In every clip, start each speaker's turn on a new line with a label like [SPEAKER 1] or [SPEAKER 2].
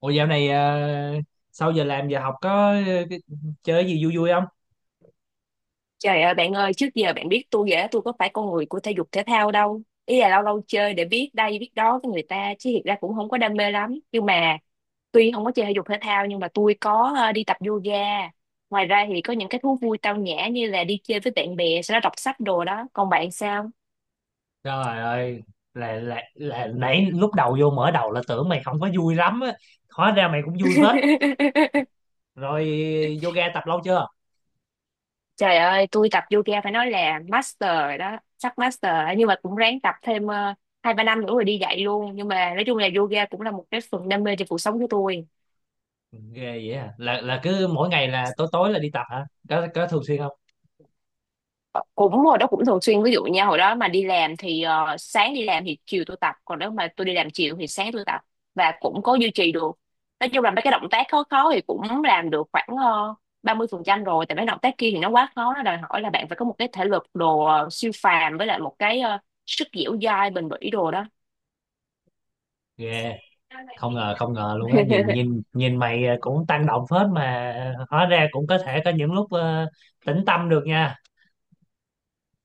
[SPEAKER 1] Ủa, dạo này sau giờ làm giờ học có ờ, cái- chơi gì vui vui không?
[SPEAKER 2] Trời ơi bạn ơi, trước giờ bạn biết tôi ghẻ tôi có phải con người của thể dục thể thao đâu. Ý là lâu lâu chơi để biết đây biết đó với người ta, chứ thiệt ra cũng không có đam mê lắm. Nhưng mà tuy không có chơi thể dục thể thao nhưng mà tôi có đi tập yoga. Ngoài ra thì có những cái thú vui tao nhã như là đi chơi với bạn bè, sau đó đọc sách đồ đó. Còn bạn sao?
[SPEAKER 1] Trời ơi, là nãy lúc đầu vô mở đầu là tưởng mày không có vui lắm á, hóa ra mày cũng vui phết. Rồi, yoga tập lâu chưa?
[SPEAKER 2] Trời ơi, tôi tập yoga phải nói là master rồi đó, sắp master rồi. Nhưng mà cũng ráng tập thêm hai ba năm nữa rồi đi dạy luôn. Nhưng mà nói chung là yoga cũng là một cái phần đam mê trong cuộc sống của tôi.
[SPEAKER 1] Ghê vậy à? Là cứ mỗi ngày là tối tối là đi tập hả? Có thường xuyên không?
[SPEAKER 2] Cũng hồi đó cũng thường xuyên, ví dụ nha, hồi đó mà đi làm thì sáng đi làm thì chiều tôi tập, còn nếu mà tôi đi làm chiều thì sáng tôi tập, và cũng có duy trì được. Nói chung là mấy cái động tác khó khó thì cũng làm được khoảng 30% rồi, tại mấy động tác kia thì nó quá khó, nó đòi hỏi là bạn phải có một cái thể lực đồ siêu phàm, với lại một cái sức dẻo dai bền bỉ đồ đó.
[SPEAKER 1] Ghê, không ngờ không ngờ luôn á, nhìn nhìn nhìn mày cũng tăng động phết mà hóa ra cũng có thể có những lúc tĩnh tâm được nha.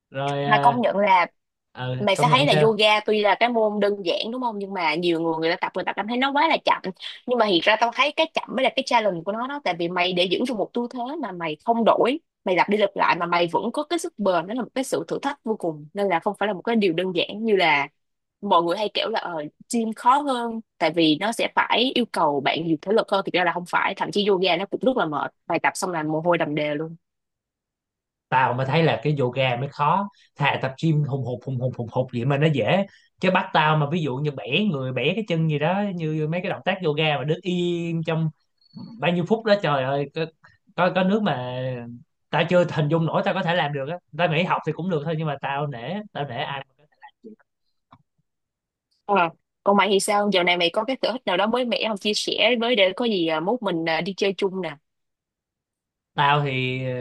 [SPEAKER 1] Rồi,
[SPEAKER 2] Mà công nhận là mày sẽ
[SPEAKER 1] công
[SPEAKER 2] thấy
[SPEAKER 1] nhận
[SPEAKER 2] là
[SPEAKER 1] sao?
[SPEAKER 2] yoga tuy là cái môn đơn giản đúng không, nhưng mà nhiều người, người ta tập người ta cảm thấy nó quá là chậm, nhưng mà thiệt ra tao thấy cái chậm mới là cái challenge của nó đó. Tại vì mày để giữ được một tư thế mà mày không đổi, mày lặp đi lặp lại mà mày vẫn có cái sức bền, đó là một cái sự thử thách vô cùng. Nên là không phải là một cái điều đơn giản như là mọi người hay kiểu là gym khó hơn tại vì nó sẽ phải yêu cầu bạn nhiều thể lực hơn. Thực ra là không phải, thậm chí yoga nó cũng rất là mệt, bài tập xong là mồ hôi đầm đìa luôn.
[SPEAKER 1] Tao mới thấy là cái yoga mới khó, thà tập gym hùng hục hùng hục hùng hục vậy mà nó dễ. Chứ bắt tao mà ví dụ như bẻ người bẻ cái chân gì đó như mấy cái động tác yoga mà đứng im trong bao nhiêu phút đó, trời ơi, có nước mà tao chưa hình dung nổi tao có thể làm được á. Tao nghĩ học thì cũng được thôi nhưng mà tao nể, tao nể ai mà có thể làm được.
[SPEAKER 2] Ờ. Còn mày thì sao? Dạo này mày có cái sở thích nào đó mới mẻ không? Chia sẻ với để có gì à, mốt mình à, đi chơi chung nè.
[SPEAKER 1] Tao thì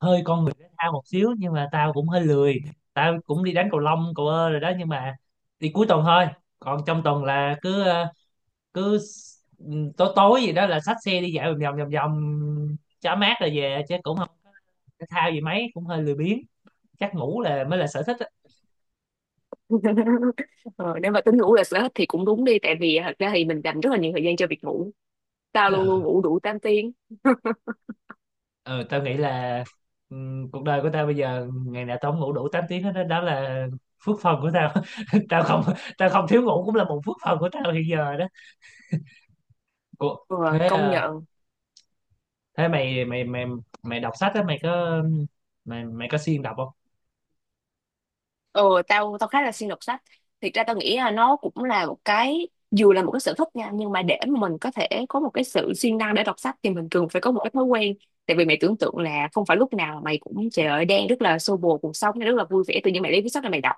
[SPEAKER 1] hơi con người thể thao một xíu nhưng mà tao cũng hơi lười. Tao cũng đi đánh cầu lông cầu rồi đó nhưng mà đi cuối tuần thôi, còn trong tuần là cứ cứ s- tối tối gì đó là xách xe đi dạo vòng vòng vòng vòng cho mát rồi về chứ cũng không thể thao gì mấy, cũng hơi lười biếng. Chắc ngủ là mới là sở thích á.
[SPEAKER 2] Ờ, nếu mà tính ngủ là sở thích thì cũng đúng đi. Tại vì à, thật ra thì mình dành rất là nhiều thời gian cho việc ngủ. Tao luôn luôn
[SPEAKER 1] Ừ,
[SPEAKER 2] ngủ đủ 8 tiếng.
[SPEAKER 1] ừ, tao nghĩ là cuộc đời của tao bây giờ ngày nào tao không ngủ đủ 8 tiếng hết đó, đó là phước phần của tao. tao không Tao không thiếu ngủ cũng là một phước phần của tao hiện giờ đó. Ủa,
[SPEAKER 2] Ờ,
[SPEAKER 1] thế
[SPEAKER 2] công
[SPEAKER 1] à,
[SPEAKER 2] nhận.
[SPEAKER 1] thế mày mày mày mày đọc sách á mày có mày mày có siêng đọc không?
[SPEAKER 2] Ờ, tao tao khá là siêng đọc sách. Thiệt ra tao nghĩ là nó cũng là một cái, dù là một cái sở thích nha, nhưng mà để mà mình có thể có một cái sự siêng năng để đọc sách thì mình cần phải có một cái thói quen. Tại vì mày tưởng tượng là không phải lúc nào mày cũng trời ơi, đang rất là xô bồ cuộc sống rất là vui vẻ tự nhiên mày lấy cuốn sách là mày đọc.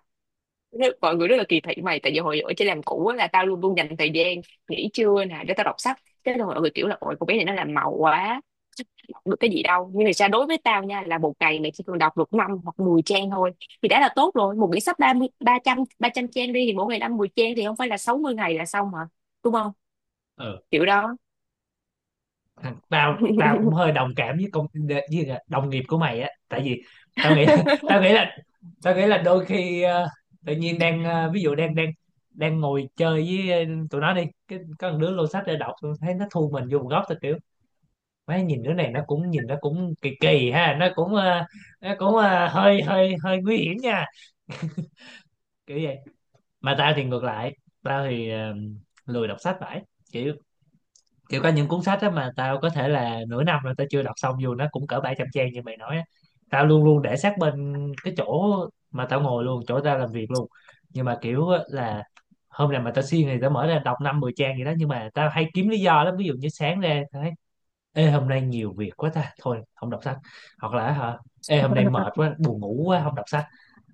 [SPEAKER 2] Thế mọi người rất là kỳ thị mày, tại vì hồi ở trên làm cũ á, là tao luôn luôn dành thời gian nghỉ trưa nè để tao đọc sách. Thế là mọi người kiểu là ôi cô bé này nó làm màu quá, đọc được cái gì đâu. Nhưng mà sao, đối với tao nha, là một ngày mày chỉ cần đọc được 5 hoặc 10 trang thôi thì đã là tốt rồi. Một quyển sách ba mươi ba trăm trang đi, thì mỗi ngày năm mười trang thì không phải là 60 ngày là xong hả? Đúng không?
[SPEAKER 1] Ừ.
[SPEAKER 2] Kiểu đó.
[SPEAKER 1] Thằng- tao tao cũng hơi đồng cảm với công với đồng nghiệp của mày á, tại vì tao nghĩ, tao nghĩ là, tao nghĩ là đôi khi tự nhiên ví dụ đang đang đang ngồi chơi với tụi nó đi cái có một đứa lô sách để đọc, tôi thấy nó thu mình vô một góc, tao kiểu mấy nhìn đứa này, nó cũng nhìn nó cũng kỳ kỳ ha, nó cũng nó cũng ờ, hơi hơi hơi nguy hiểm nha, kiểu vậy. Mà tao thì ngược lại, tao thì lười đọc sách. Phải kiểu, kiểu có những cuốn sách á mà tao có thể là nửa năm rồi tao chưa đọc xong dù nó cũng cỡ 700 trang như mày nói á. Tao luôn luôn để sát bên cái chỗ mà tao ngồi luôn, chỗ tao làm việc luôn. Nhưng mà kiểu á là hôm nào mà tao siêng thì tao mở ra đọc năm 10 trang gì đó, nhưng mà tao hay kiếm lý do lắm. Ví dụ như sáng ra tao thấy, ê hôm nay nhiều việc quá ta, thôi không đọc sách. Hoặc là, hả, ê hôm nay mệt quá buồn ngủ quá không đọc sách.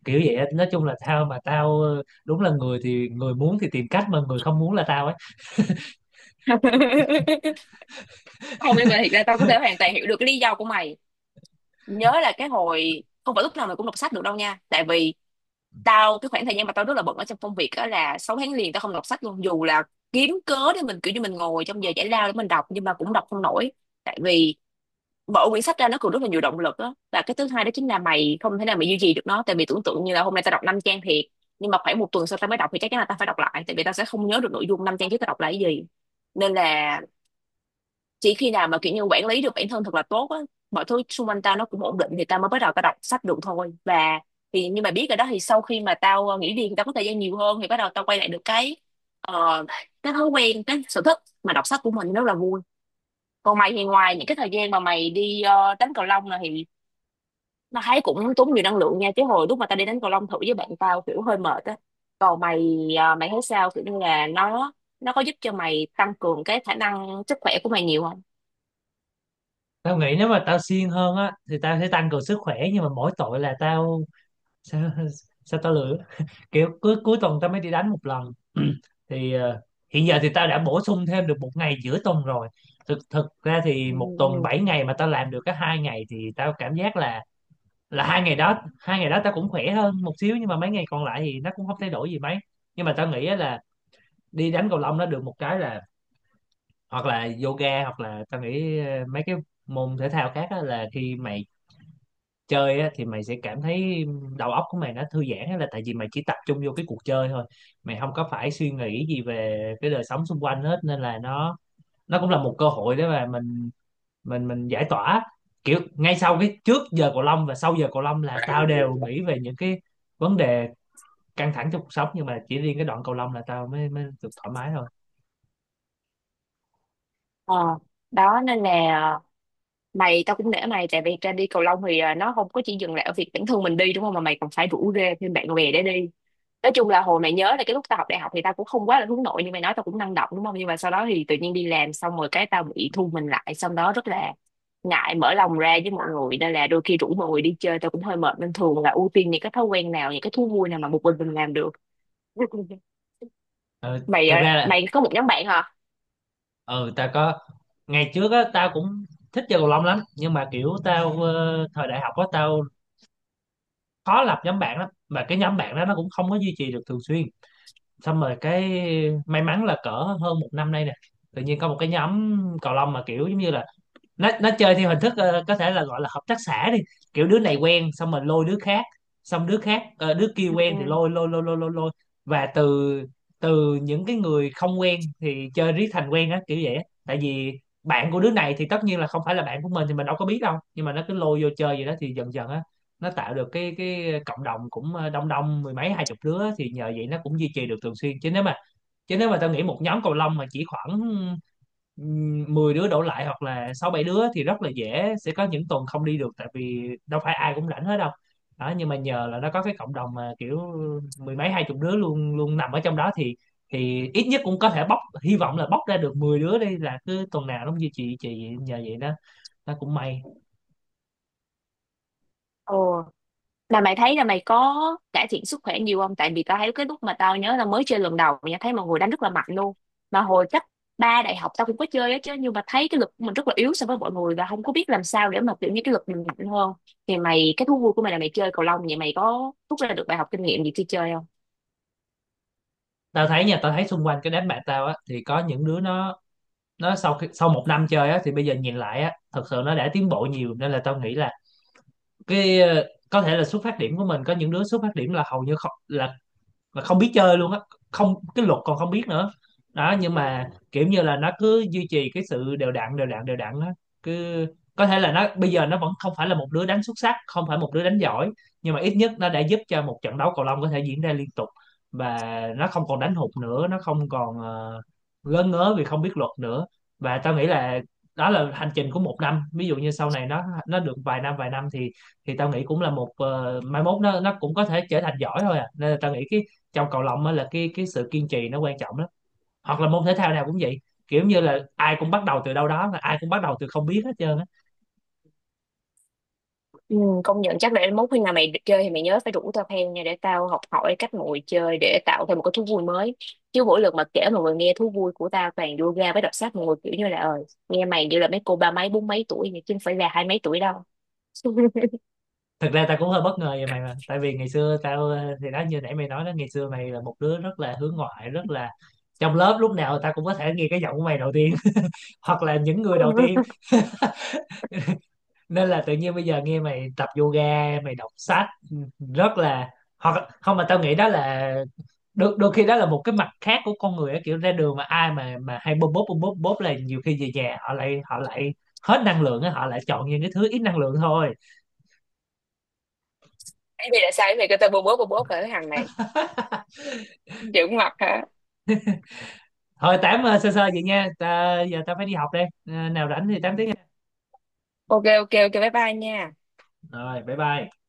[SPEAKER 1] Kiểu vậy á. Nói chung là tao, mà tao đúng là người thì người muốn thì tìm cách, mà người không muốn là tao ấy.
[SPEAKER 2] Không, nhưng mà thiệt ra tao có thể hoàn toàn hiểu được cái lý do của mày. Nhớ là cái hồi không phải lúc nào mày cũng đọc sách được đâu nha, tại vì tao, cái khoảng thời gian mà tao rất là bận ở trong công việc đó là 6 tháng liền tao không đọc sách luôn, dù là kiếm cớ để mình kiểu như mình ngồi trong giờ giải lao để mình đọc nhưng mà cũng đọc không nổi. Tại vì mở quyển sách ra nó còn rất là nhiều động lực đó, và cái thứ hai đó chính là mày không thể nào mày duy trì được nó. Tại vì tưởng tượng như là hôm nay tao đọc 5 trang thiệt, nhưng mà khoảng một tuần sau tao mới đọc thì chắc chắn là tao phải đọc lại, tại vì tao sẽ không nhớ được nội dung 5 trang trước tao đọc là cái gì. Nên là chỉ khi nào mà kiểu như quản lý được bản thân thật là tốt á, mọi thứ xung quanh tao nó cũng ổn định thì tao mới bắt đầu tao đọc sách được thôi. Và thì nhưng mà biết rồi đó, thì sau khi mà tao nghỉ việc thì tao có thời gian nhiều hơn, thì bắt đầu tao quay lại được cái ờ, cái thói quen, cái sở thích mà đọc sách của mình rất là vui. Còn mày thì ngoài những cái thời gian mà mày đi đánh cầu lông này thì nó thấy cũng tốn nhiều năng lượng nha, chứ hồi lúc mà tao đi đánh cầu lông thử với bạn tao kiểu hơi mệt á. Còn mày mày thấy sao kiểu như là nó có giúp cho mày tăng cường cái khả năng sức khỏe của mày nhiều không?
[SPEAKER 1] Tao nghĩ nếu mà tao siêng hơn á thì tao sẽ tăng cường sức khỏe, nhưng mà mỗi tội là tao sao, sao tao lười, kiểu cuối cuối tuần tao mới đi đánh một lần. Thì hiện giờ thì tao đã bổ sung thêm được một ngày giữa tuần rồi. Thực thực ra thì một tuần
[SPEAKER 2] Ừ.
[SPEAKER 1] 7 ngày mà tao làm được cái 2 ngày thì tao cảm giác là 2 ngày đó, 2 ngày đó tao cũng khỏe hơn một xíu, nhưng mà mấy ngày còn lại thì nó cũng không thay đổi gì mấy. Nhưng mà tao nghĩ á là đi đánh cầu lông nó được một cái là, hoặc là yoga, hoặc là tao nghĩ mấy cái môn thể thao khác á, là khi mày chơi á thì mày sẽ cảm thấy đầu óc của mày nó thư giãn á, là tại vì mày chỉ tập trung vô cái cuộc chơi thôi, mày không có phải suy nghĩ gì về cái đời sống xung quanh hết, nên là nó cũng là một cơ hội để mà mình mình giải tỏa. Kiểu ngay sau cái, trước giờ cầu lông và sau giờ cầu lông là tao đều nghĩ về những cái vấn đề căng thẳng trong cuộc sống, nhưng mà chỉ riêng cái đoạn cầu lông là tao mới, mới được thoải mái thôi.
[SPEAKER 2] Ờ, đó nên là, mày, tao cũng nể mày, tại vì ra đi cầu lông thì à, nó không có chỉ dừng lại ở việc bản thân mình đi đúng không, mà mày còn phải rủ rê thêm bạn bè để đi. Nói chung là hồi mày nhớ là cái lúc tao học đại học thì tao cũng không quá là hướng nội như mày nói, tao cũng năng động đúng không, nhưng mà sau đó thì tự nhiên đi làm xong rồi, cái tao bị thu mình lại, xong đó rất là ngại mở lòng ra với mọi người nên là đôi khi rủ mọi người đi chơi tao cũng hơi mệt, nên thường là ưu tiên những cái thói quen nào, những cái thú vui nào mà một mình làm được.
[SPEAKER 1] Ừ,
[SPEAKER 2] Mày
[SPEAKER 1] thật
[SPEAKER 2] à,
[SPEAKER 1] ra là,
[SPEAKER 2] mày có một nhóm bạn hả?
[SPEAKER 1] ừ tao có. Ngày trước á tao cũng thích chơi cầu lông lắm, nhưng mà kiểu tao thời đại học á tao khó lập nhóm bạn lắm, mà cái nhóm bạn đó nó cũng không có duy trì được thường xuyên. Xong rồi cái may mắn là cỡ hơn một năm nay nè tự nhiên có một cái nhóm cầu lông mà kiểu giống như là, nó chơi theo hình thức có thể là gọi là hợp tác xã đi, kiểu đứa này quen xong mình lôi đứa khác, xong đứa khác đứa kia quen
[SPEAKER 2] Ừ.
[SPEAKER 1] thì lôi lôi lôi lôi lôi lôi, và từ từ những cái người không quen thì chơi riết thành quen á, kiểu vậy á. Tại vì bạn của đứa này thì tất nhiên là không phải là bạn của mình thì mình đâu có biết đâu, nhưng mà nó cứ lôi vô chơi vậy đó thì dần dần á nó tạo được cái cộng đồng cũng đông, đông mười mấy hai chục đứa, thì nhờ vậy nó cũng duy trì được thường xuyên. Chứ nếu mà tao nghĩ một nhóm cầu lông mà chỉ khoảng 10 đứa đổ lại hoặc là 6 7 đứa thì rất là dễ sẽ có những tuần không đi được, tại vì đâu phải ai cũng rảnh hết đâu. Đó, nhưng mà nhờ là nó có cái cộng đồng mà kiểu mười mấy hai chục đứa luôn luôn nằm ở trong đó thì ít nhất cũng có thể bóc, hy vọng là bóc ra được 10 đứa đi, là cứ tuần nào nó cũng duy trì trì nhờ vậy đó, nó cũng may.
[SPEAKER 2] Ồ. Là mày thấy là mày có cải thiện sức khỏe nhiều không? Tại vì tao thấy cái lúc mà tao nhớ là mới chơi lần đầu nha, thấy mọi người đánh rất là mạnh luôn. Mà hồi cấp ba đại học tao cũng có chơi á chứ, nhưng mà thấy cái lực của mình rất là yếu so với mọi người và không có biết làm sao để mà kiểu như cái lực mình mạnh hơn. Thì mày, cái thú vui của mày là mày chơi cầu lông, vậy mày có rút ra được bài học kinh nghiệm gì khi chơi không?
[SPEAKER 1] Tao thấy nha, tao thấy xung quanh cái đám bạn tao á thì có những đứa nó sau khi, sau một năm chơi á thì bây giờ nhìn lại á thật sự nó đã tiến bộ nhiều, nên là tao nghĩ là cái, có thể là xuất phát điểm của mình, có những đứa xuất phát điểm là hầu như không, là là không biết chơi luôn á, không cái luật còn không biết nữa. Đó, nhưng mà kiểu như là nó cứ duy trì cái sự đều đặn, đều đặn, đều đặn á, cứ có thể là nó bây giờ nó vẫn không phải là một đứa đánh xuất sắc, không phải một đứa đánh giỏi, nhưng mà ít nhất nó đã giúp cho một trận đấu cầu lông có thể diễn ra liên tục, và nó không còn đánh hụt nữa, nó không còn ngớ ngớ vì không biết luật nữa. Và tao nghĩ là đó là hành trình của một năm. Ví dụ như sau này nó được vài năm, vài năm thì tao nghĩ cũng là một, mai mốt nó cũng có thể trở thành giỏi thôi à. Nên là tao nghĩ cái, trong cầu lông á là cái sự kiên trì nó quan trọng lắm, hoặc là môn thể thao nào cũng vậy, kiểu như là ai cũng bắt đầu từ đâu đó, mà ai cũng bắt đầu từ không biết hết trơn á.
[SPEAKER 2] Ừ, công nhận. Chắc để mốt khi nào mày chơi thì mày nhớ phải rủ tao theo nha, để tao học hỏi cách mọi người chơi để tạo thêm một cái thú vui mới. Chứ mỗi lần mà kể mọi người nghe thú vui của tao toàn yoga với đọc sách, mọi người kiểu như là nghe mày như là mấy cô ba mấy bốn mấy tuổi vậy, chứ không phải là hai mấy tuổi đâu.
[SPEAKER 1] Thực ra tao cũng hơi bất ngờ về mày mà, tại vì ngày xưa tao thì đó như nãy mày nói đó, ngày xưa mày là một đứa rất là hướng ngoại, rất là, trong lớp lúc nào tao cũng có thể nghe cái giọng của mày đầu tiên, hoặc là những người đầu tiên. Nên là tự nhiên bây giờ nghe mày tập yoga, mày đọc sách, ừ, rất là, hoặc không mà tao nghĩ đó là đôi khi đó là một cái mặt khác của con người á, kiểu ra đường mà ai mà hay bóp bóp bóp bóp bóp là nhiều khi về nhà họ lại, hết năng lượng á, họ lại chọn những cái thứ ít năng lượng thôi.
[SPEAKER 2] Thế thì là sao mày kêu tao bố bố bố bố phải, cái thằng này. Dữ mặt hả?
[SPEAKER 1] Thôi tám sơ sơ vậy nha ta, giờ ta phải đi học đây. Ờ, nào rảnh thì 8 tiếng nha.
[SPEAKER 2] Ok ok ok, bye bye nha.
[SPEAKER 1] Rồi, bye bye.